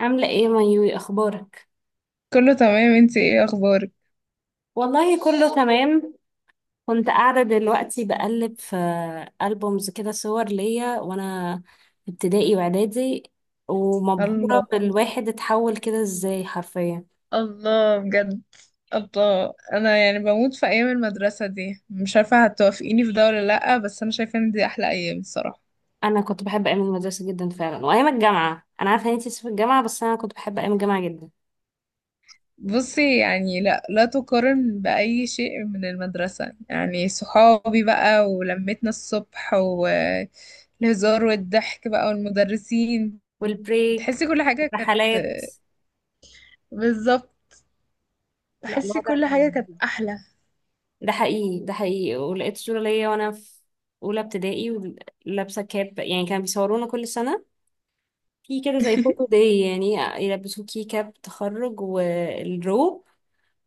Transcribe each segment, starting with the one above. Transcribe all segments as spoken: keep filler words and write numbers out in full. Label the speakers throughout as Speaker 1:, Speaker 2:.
Speaker 1: عاملة ايه مايوي اخبارك؟
Speaker 2: كله تمام. انتي ايه اخبارك؟
Speaker 1: والله كله تمام. كنت قاعدة دلوقتي بقلب في ألبومز كده، صور ليا وانا في ابتدائي واعدادي، ومبهورة
Speaker 2: الله،
Speaker 1: بالواحد اتحول كده ازاي حرفيا.
Speaker 2: الله بجد. الله، انا يعني بموت في ايام المدرسه دي، مش عارفه هتوافقيني في ده ولا لا، بس انا شايفه ان دي احلى ايام الصراحه.
Speaker 1: انا كنت بحب ايام المدرسة جدا فعلا، وايام الجامعة، انا عارفة ان انتي في الجامعة، بس انا كنت بحب ايام الجامعة جدا.
Speaker 2: بصي يعني، لا لا تقارن باي شيء من المدرسه، يعني صحابي بقى ولمتنا الصبح والهزار والضحك بقى والمدرسين،
Speaker 1: والبريك.
Speaker 2: تحسي كل حاجه كانت.
Speaker 1: والرحلات.
Speaker 2: بالظبط.
Speaker 1: لا
Speaker 2: تحسي
Speaker 1: الوضع
Speaker 2: كل
Speaker 1: كان
Speaker 2: حاجه كانت
Speaker 1: لذيذ.
Speaker 2: احلى.
Speaker 1: ده حقيقي، ده حقيقي. ولقيت صورة ليا وانا في أولى ابتدائي ولابسة كاب. يعني كانوا بيصورونا كل سنة في كده زي فوتو داي يعني، يلبسوكي كاب تخرج والروب،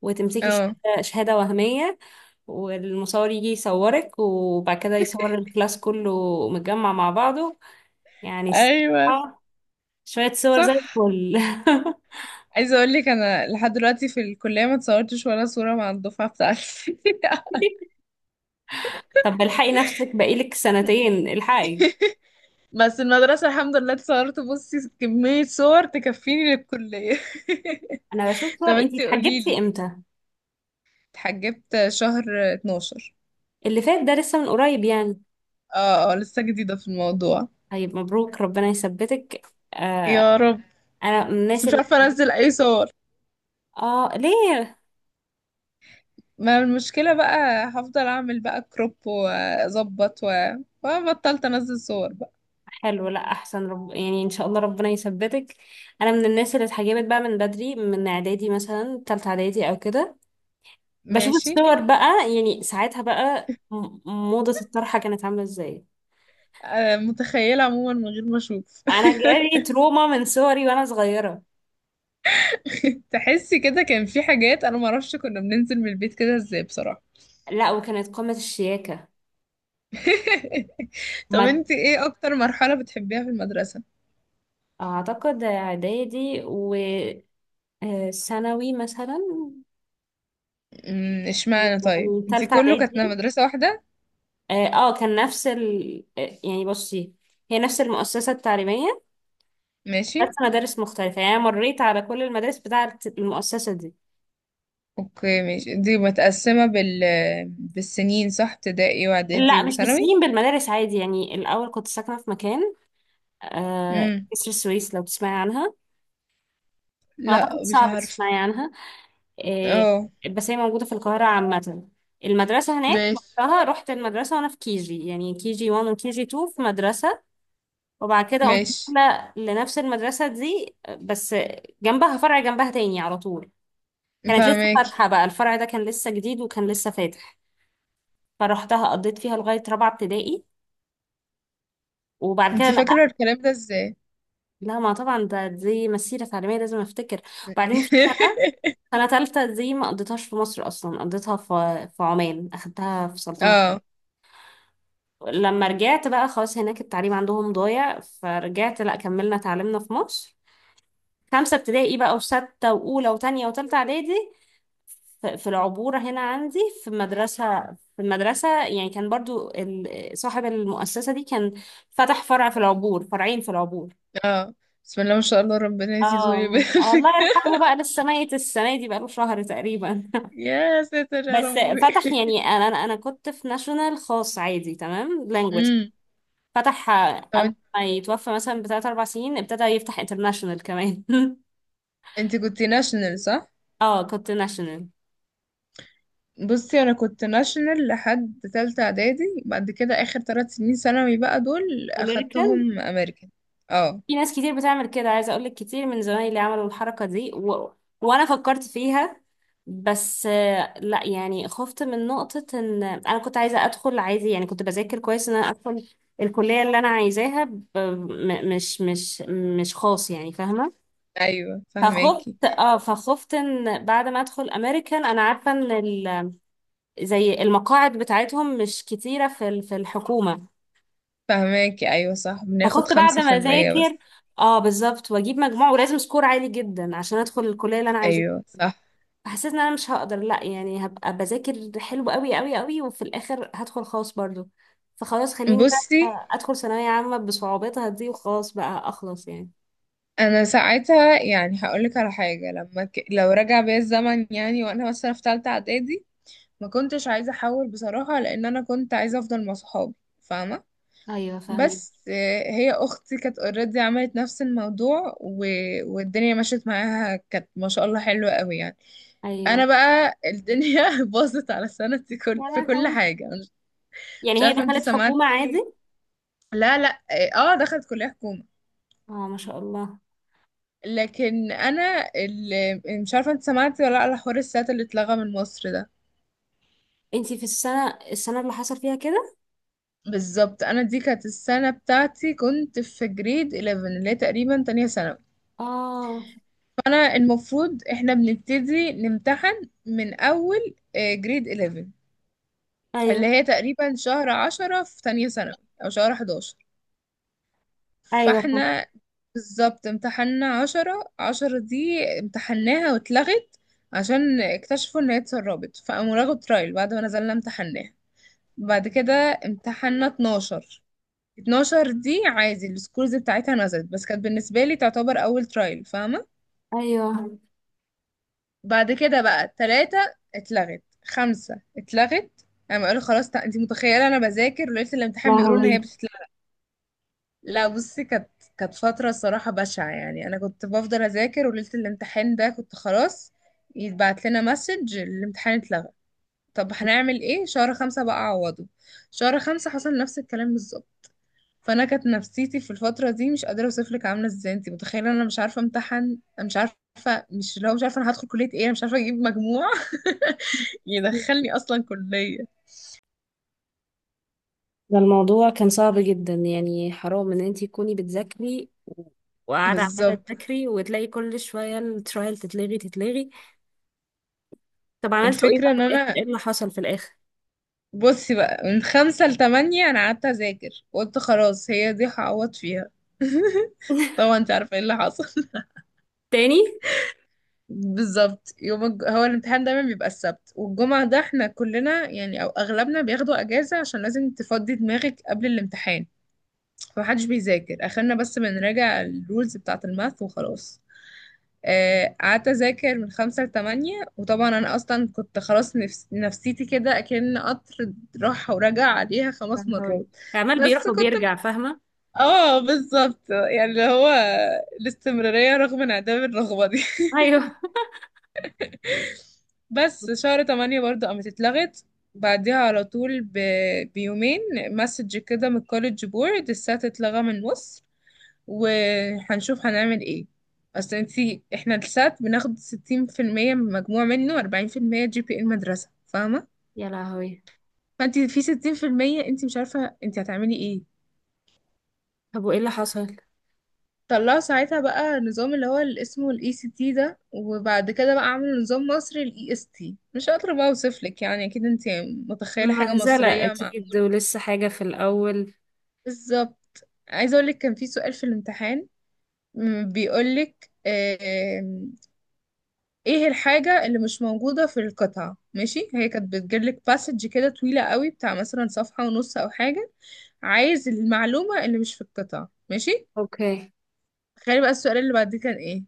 Speaker 1: وتمسكي ش-
Speaker 2: اه،
Speaker 1: شهادة وهمية، والمصور يجي يصورك وبعد كده يصور الكلاس كله متجمع مع بعضه. يعني
Speaker 2: ايوه
Speaker 1: الصراحة شوية صور زي
Speaker 2: صح.
Speaker 1: الفل.
Speaker 2: عايزه اقول لك انا لحد دلوقتي في الكليه ما اتصورتش ولا صوره مع الدفعه بتاعتي.
Speaker 1: طب الحقي نفسك، بقالك سنتين الحقي.
Speaker 2: بس المدرسه الحمد لله اتصورت، بصي كميه صور تكفيني للكليه.
Speaker 1: انا بشوف صور،
Speaker 2: طب
Speaker 1: انتي
Speaker 2: انتي قولي
Speaker 1: اتحجبتي
Speaker 2: لي.
Speaker 1: امتى؟
Speaker 2: اتحجبت شهر اتناشر.
Speaker 1: اللي فات ده، لسه من قريب يعني.
Speaker 2: اه اه، لسه جديده في الموضوع.
Speaker 1: طيب مبروك، ربنا يثبتك. آه
Speaker 2: يا رب.
Speaker 1: انا من
Speaker 2: بس
Speaker 1: الناس
Speaker 2: مش
Speaker 1: اللي،
Speaker 2: عارفه انزل اي صور.
Speaker 1: اه ليه؟
Speaker 2: ما المشكله بقى، هفضل اعمل بقى كروب واظبط و... وبطلت انزل صور بقى.
Speaker 1: حلو، لا احسن، رب... يعني ان شاء الله ربنا يثبتك. انا من الناس اللي اتحجبت بقى من بدري، من اعدادي، مثلا تالتة اعدادي او كده. بشوف
Speaker 2: ماشي.
Speaker 1: الصور بقى يعني ساعتها بقى م- موضة الطرحة كانت عاملة ازاي.
Speaker 2: آه، متخيله عموما من غير ما اشوف.
Speaker 1: انا جالي تروما من صوري وانا صغيرة.
Speaker 2: تحسي كده كان في حاجات، انا معرفش كنا بننزل من البيت كده ازاي بصراحة.
Speaker 1: لا وكانت قمة الشياكة.
Speaker 2: طب
Speaker 1: ما
Speaker 2: انت ايه اكتر مرحلة بتحبيها في المدرسة؟
Speaker 1: اعتقد اعدادي و آه، ثانوي مثلا.
Speaker 2: أمم، اشمعنى؟ طيب
Speaker 1: يعني
Speaker 2: انت
Speaker 1: تالتة
Speaker 2: كله كانت
Speaker 1: اعدادي.
Speaker 2: مدرسة واحدة؟
Speaker 1: اه آه، كان نفس ال... آه، يعني بصي، هي نفس المؤسسة التعليمية،
Speaker 2: ماشي.
Speaker 1: بس مدارس مختلفة. يعني أنا مريت على كل المدارس بتاعة المؤسسة دي.
Speaker 2: اوكي ماشي، دي متقسمة بال، بالسنين صح، ابتدائي واعدادي
Speaker 1: لا مش
Speaker 2: وثانوي؟
Speaker 1: بالسنين، بالمدارس. عادي يعني، الأول كنت ساكنة في مكان آه،
Speaker 2: امم
Speaker 1: كسر السويس لو تسمعي عنها. أعتقد
Speaker 2: لا مش
Speaker 1: صعب
Speaker 2: عارفة.
Speaker 1: تسمعي عنها آه،
Speaker 2: اه
Speaker 1: بس هي موجودة في القاهرة عامة. المدرسة هناك
Speaker 2: ماشي.
Speaker 1: وقتها، رحت المدرسة وأنا في كي جي، يعني كي جي واحد وكي جي اتنين في مدرسة. وبعد كده قمت
Speaker 2: ماشي
Speaker 1: نقلة لنفس المدرسة دي آه، بس جنبها، فرع جنبها تاني على طول. كانت لسه
Speaker 2: فاهماكي.
Speaker 1: فاتحة بقى، الفرع ده كان لسه جديد وكان لسه فاتح. فروحتها، قضيت فيها لغاية رابعة ابتدائي، وبعد كده
Speaker 2: انت فاكرة
Speaker 1: نقلت.
Speaker 2: الكلام ده ازاي؟
Speaker 1: لا ما طبعا ده، دي مسيرة تعليمية لازم افتكر. وبعدين في سنة، سنة تالتة دي ما قضيتهاش في مصر أصلا، قضيتها في في عمان، أخدتها في سلطنة.
Speaker 2: اه
Speaker 1: لما رجعت بقى، خلاص هناك التعليم عندهم ضايع، فرجعت لا، كملنا تعليمنا في مصر. خمسة ابتدائي بقى وستة وأولى وتانية وتالتة إعدادي. ف- في العبورة هنا عندي، في مدرسة. في المدرسة يعني كان برضو ال- صاحب المؤسسة دي كان فتح فرع في العبور، فرعين في العبور.
Speaker 2: اه. بسم الله ما شاء الله، ربنا يزيده
Speaker 1: اه
Speaker 2: ويبارك.
Speaker 1: الله يرحمه بقى، لسه ميت السنة دي، بقاله شهر تقريبا.
Speaker 2: يا ساتر يا
Speaker 1: بس
Speaker 2: ربي.
Speaker 1: فتح يعني انا انا أنا كنت في ناشونال خاص عادي تمام، لانجوج.
Speaker 2: امم
Speaker 1: فتح
Speaker 2: طب
Speaker 1: قبل
Speaker 2: انت
Speaker 1: ما يتوفى مثلا بثلاث اربع سنين، ابتدى يفتح انترناشونال كمان.
Speaker 2: انت كنت ناشونال صح؟
Speaker 1: اه كنت ناشونال.
Speaker 2: بصي انا كنت ناشونال لحد تالتة اعدادي، بعد كده اخر ثلاث سنين ثانوي بقى دول
Speaker 1: امريكا.
Speaker 2: اخدتهم امريكان. اه
Speaker 1: في ناس كتير بتعمل كده، عايزة اقولك كتير من زمايلي عملوا الحركة دي و... وانا فكرت فيها. بس آه، لا يعني خفت من نقطة ان انا كنت عايزة ادخل عادي، يعني كنت بذاكر كويس ان انا ادخل الكلية اللي انا عايزاها ب... م... مش مش مش خاص، يعني فاهمة.
Speaker 2: ايوه
Speaker 1: فخفت،
Speaker 2: فهماكي.
Speaker 1: اه فخفت ان بعد ما ادخل امريكان انا عارفة ان ال... زي المقاعد بتاعتهم مش كتيرة في ال- في الحكومة.
Speaker 2: فهماكي ايوه صح، بناخد
Speaker 1: فخفت بعد
Speaker 2: خمسة
Speaker 1: ما
Speaker 2: في المية بس.
Speaker 1: اذاكر، اه بالظبط، واجيب مجموع، ولازم سكور عالي جدا عشان ادخل الكليه اللي انا عايزاها.
Speaker 2: ايوه صح.
Speaker 1: فحسيت ان انا مش هقدر، لا يعني هبقى بذاكر حلو قوي قوي قوي وفي الاخر هدخل خاص برضو. فخلاص خليني
Speaker 2: بصي
Speaker 1: بقى ادخل ثانويه عامه بصعوباتها دي، وخلاص بقى اخلص يعني.
Speaker 2: انا ساعتها يعني هقولك على حاجة، لما ك... لو رجع بيا الزمن يعني، وانا مثلا في تالتة اعدادي ما كنتش عايزة احول بصراحة، لان انا كنت عايزة افضل مع صحابي، فاهمة؟
Speaker 1: ايوه فاهمك.
Speaker 2: بس آه، هي اختي كانت اوريدي، عملت نفس الموضوع و... والدنيا مشيت معاها، كانت ما شاء الله حلوة قوي يعني.
Speaker 1: ايوه.
Speaker 2: انا بقى الدنيا باظت على سنتي
Speaker 1: يا
Speaker 2: كل... في كل
Speaker 1: لهوي.
Speaker 2: حاجة مش,
Speaker 1: يعني
Speaker 2: مش
Speaker 1: هي
Speaker 2: عارفة انتي
Speaker 1: دخلت حكومه
Speaker 2: سمعتي.
Speaker 1: عادي؟
Speaker 2: لا لا اه آه، دخلت كلية حكومة.
Speaker 1: اه ما شاء الله.
Speaker 2: لكن انا اللي مش عارفة انتي سمعتي ولا لا، على حوار السات اللي اتلغى من مصر ده.
Speaker 1: انتي في السنه، السنه اللي حصل فيها كده؟
Speaker 2: بالظبط، انا دي كانت السنة بتاعتي، كنت في جريد احداشر اللي هي تقريبا تانية ثانوي.
Speaker 1: اه.
Speaker 2: انا المفروض احنا بنبتدي نمتحن من اول جريد احداشر،
Speaker 1: ايوه.
Speaker 2: اللي هي تقريبا شهر عشرة في تانية ثانوي، او شهر احداشر.
Speaker 1: ايوه فاهمة.
Speaker 2: فاحنا بالظبط امتحنا عشرة. عشرة دي امتحناها واتلغت، عشان اكتشفوا ان هي اتسربت، فقاموا لغوا ترايل بعد ما نزلنا امتحناها. بعد كده امتحنا اتناشر. اتناشر دي عادي، السكورز بتاعتها نزلت، بس كانت بالنسبة لي تعتبر اول ترايل، فاهمة؟
Speaker 1: ايوه.
Speaker 2: بعد كده بقى ثلاثة اتلغت، خمسة اتلغت. انا قالوا خلاص، تع- انت متخيلة انا بذاكر وليلة الامتحان بيقولوا ان
Speaker 1: لهوي،
Speaker 2: هي بتتلغى. لا بصي، كانت كانت فترة الصراحة بشعة، يعني انا كنت بفضل اذاكر وليلة الامتحان ده كنت خلاص، يتبعت لنا مسج الامتحان اتلغى. طب هنعمل ايه، شهر خمسة بقى عوضه، شهر خمسة حصل نفس الكلام بالظبط. فانا كانت نفسيتي في الفترة دي مش قادرة اوصف لك عاملة ازاي، انت متخيلة انا مش عارفة امتحن، انا مش عارفة، مش اللي هو، مش عارفة انا هدخل كلية ايه، انا مش عارفة اجيب مجموع يدخلني اصلا كلية.
Speaker 1: ده الموضوع كان صعب جدا يعني. حرام ان انتي تكوني بتذاكري و- وقاعدة عمالة
Speaker 2: بالظبط.
Speaker 1: تذاكري وتلاقي كل شوية الترايل تتلغي تتلغي. طب عملتوا ايه بقى
Speaker 2: الفكرة
Speaker 1: في
Speaker 2: ان
Speaker 1: الاخر،
Speaker 2: انا،
Speaker 1: ايه اللي حصل في الاخر؟
Speaker 2: بصي بقى من خمسة لتمانية انا قعدت اذاكر وقلت خلاص هي دي هعوض فيها. طبعا انت عارفة ايه اللي حصل.
Speaker 1: تاني؟
Speaker 2: بالظبط، يوم الج... هو الامتحان دايما بيبقى السبت والجمعة ده، احنا كلنا يعني او اغلبنا بياخدوا اجازة عشان لازم تفضي دماغك قبل الامتحان، فمحدش بيذاكر اخرنا، بس بنراجع الرولز بتاعة الماث وخلاص. آه، قعدت اذاكر من خمسة لتمانية، وطبعا انا اصلا كنت خلاص نفس... نفسيتي كده اكن قطر راح ورجع عليها
Speaker 1: يا
Speaker 2: خمس
Speaker 1: لهوي،
Speaker 2: مرات.
Speaker 1: عمال
Speaker 2: بس
Speaker 1: بيروح
Speaker 2: كنت،
Speaker 1: وبيرجع، فاهمة.
Speaker 2: اه بالظبط، يعني اللي هو الاستمرارية رغم انعدام الرغبة دي.
Speaker 1: ايوه.
Speaker 2: بس شهر تمانية برضو قامت اتلغت، بعديها على طول ب... بيومين مسج كده من الكوليدج بورد، السات اتلغى من النص، وهنشوف هنعمل ايه. اصل انتي احنا السات بناخد ستين في المية من مجموع منه، واربعين في المية جي بي اي المدرسة، فاهمة؟
Speaker 1: يا لهوي.
Speaker 2: فانتي في ستين في المية انتي مش عارفة انتي هتعملي ايه.
Speaker 1: طب وايه اللي حصل؟
Speaker 2: طلعوا ساعتها بقى نظام اللي هو اللي اسمه الاي سي تي ده، وبعد كده بقى عملوا نظام مصري الاي اس تي، مش هقدر بقى اوصف لك يعني، اكيد انتي متخيلة حاجة
Speaker 1: مهزلة
Speaker 2: مصرية مع.
Speaker 1: اكيد، ولسه حاجة في الاول.
Speaker 2: بالظبط، عايزة اقول لك كان في سؤال في الامتحان بيقول لك ايه الحاجة اللي مش موجودة في القطعة، ماشي؟ هي كانت بتجيلك باسج كده طويلة قوي، بتاع مثلا صفحة ونص او حاجة، عايز المعلومة اللي مش في القطعة، ماشي؟
Speaker 1: اوكي.
Speaker 2: تخيلي بقى السؤال اللي بعد دي كان ايه،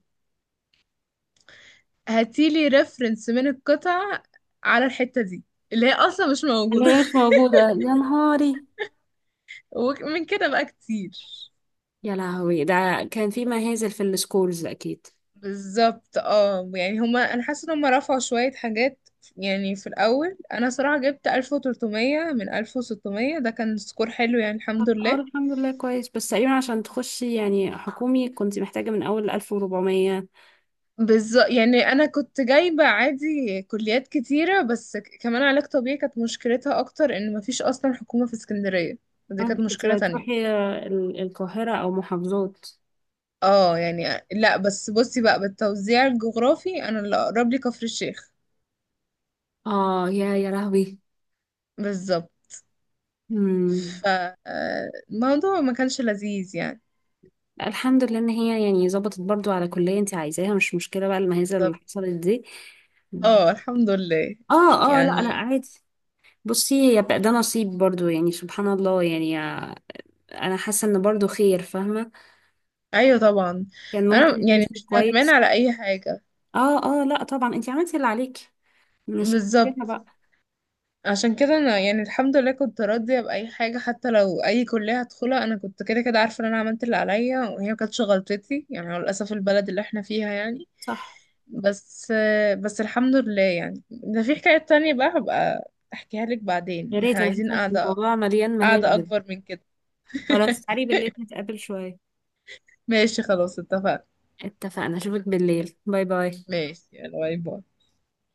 Speaker 2: هاتيلي ريفرنس من القطعة على الحتة دي، اللي هي اصلا مش
Speaker 1: اللي
Speaker 2: موجودة.
Speaker 1: هي مش موجودة؟ يا نهاري!
Speaker 2: ومن كده بقى كتير.
Speaker 1: يا لهوي، ده كان في مهازل في السكولز اكيد.
Speaker 2: بالظبط، اه يعني هما، انا حاسة ان هما رفعوا شوية حاجات، يعني في الاول انا صراحة جبت ألف وثلاثمائة من ألف وستمية ده كان سكور حلو يعني الحمد
Speaker 1: اه
Speaker 2: لله.
Speaker 1: الحمد لله كويس، بس تقريبا عشان تخشي يعني حكومي كنت محتاجة من أول ألف وأربعمية.
Speaker 2: بالظبط، يعني انا كنت جايبه عادي كليات كتيره، بس ك- كمان علاج طبيعي كانت مشكلتها اكتر ان مفيش اصلا حكومه في اسكندريه، دي كانت
Speaker 1: عندك كنت
Speaker 2: مشكله تانية.
Speaker 1: هتروحي ال- القاهرة أو محافظات؟
Speaker 2: اه يعني لا، بس بصي بقى بالتوزيع الجغرافي انا اللي اقرب لي كفر الشيخ.
Speaker 1: اه. يا يا لهوي.
Speaker 2: بالظبط.
Speaker 1: مم.
Speaker 2: فالموضوع ما كانش لذيذ يعني.
Speaker 1: الحمد لله إن هي يعني ظبطت برضو على كلية انت عايزاها، مش مشكلة بقى المهزة اللي
Speaker 2: بالظبط.
Speaker 1: حصلت دي.
Speaker 2: اه الحمد لله
Speaker 1: اه. اه لا لا
Speaker 2: يعني.
Speaker 1: عادي. بصي هي بقى ده نصيب برضو، يعني سبحان الله، يعني آه، انا حاسه ان برضو خير، فاهمه.
Speaker 2: ايوه طبعا.
Speaker 1: كان
Speaker 2: انا
Speaker 1: ممكن
Speaker 2: يعني
Speaker 1: تمشي
Speaker 2: مش ندمان
Speaker 1: كويس.
Speaker 2: على اي حاجه.
Speaker 1: اه اه لا طبعا، انت عملتي اللي عليك، مش فيها
Speaker 2: بالظبط،
Speaker 1: بقى.
Speaker 2: عشان كده انا يعني الحمد لله كنت راضيه باي حاجه، حتى لو اي كليه هدخلها، انا كنت كده كده عارفه ان انا عملت اللي عليا، وهي ما كانتش غلطتي يعني، هو للاسف البلد اللي احنا فيها يعني.
Speaker 1: صح.
Speaker 2: بس، بس الحمد لله يعني، ده في حكايه تانية بقى هبقى احكيها لك
Speaker 1: يا
Speaker 2: بعدين،
Speaker 1: ريت،
Speaker 2: احنا
Speaker 1: انا
Speaker 2: عايزين
Speaker 1: حاسه ان
Speaker 2: قاعده،
Speaker 1: الموضوع مليان
Speaker 2: قاعده
Speaker 1: مهازل.
Speaker 2: اكبر من كده.
Speaker 1: خلاص تعالي بالليل نتقابل شوية.
Speaker 2: ماشي خلاص اتفقنا.
Speaker 1: اتفقنا، اشوفك بالليل، باي باي.
Speaker 2: ماشي، يلا باي باي.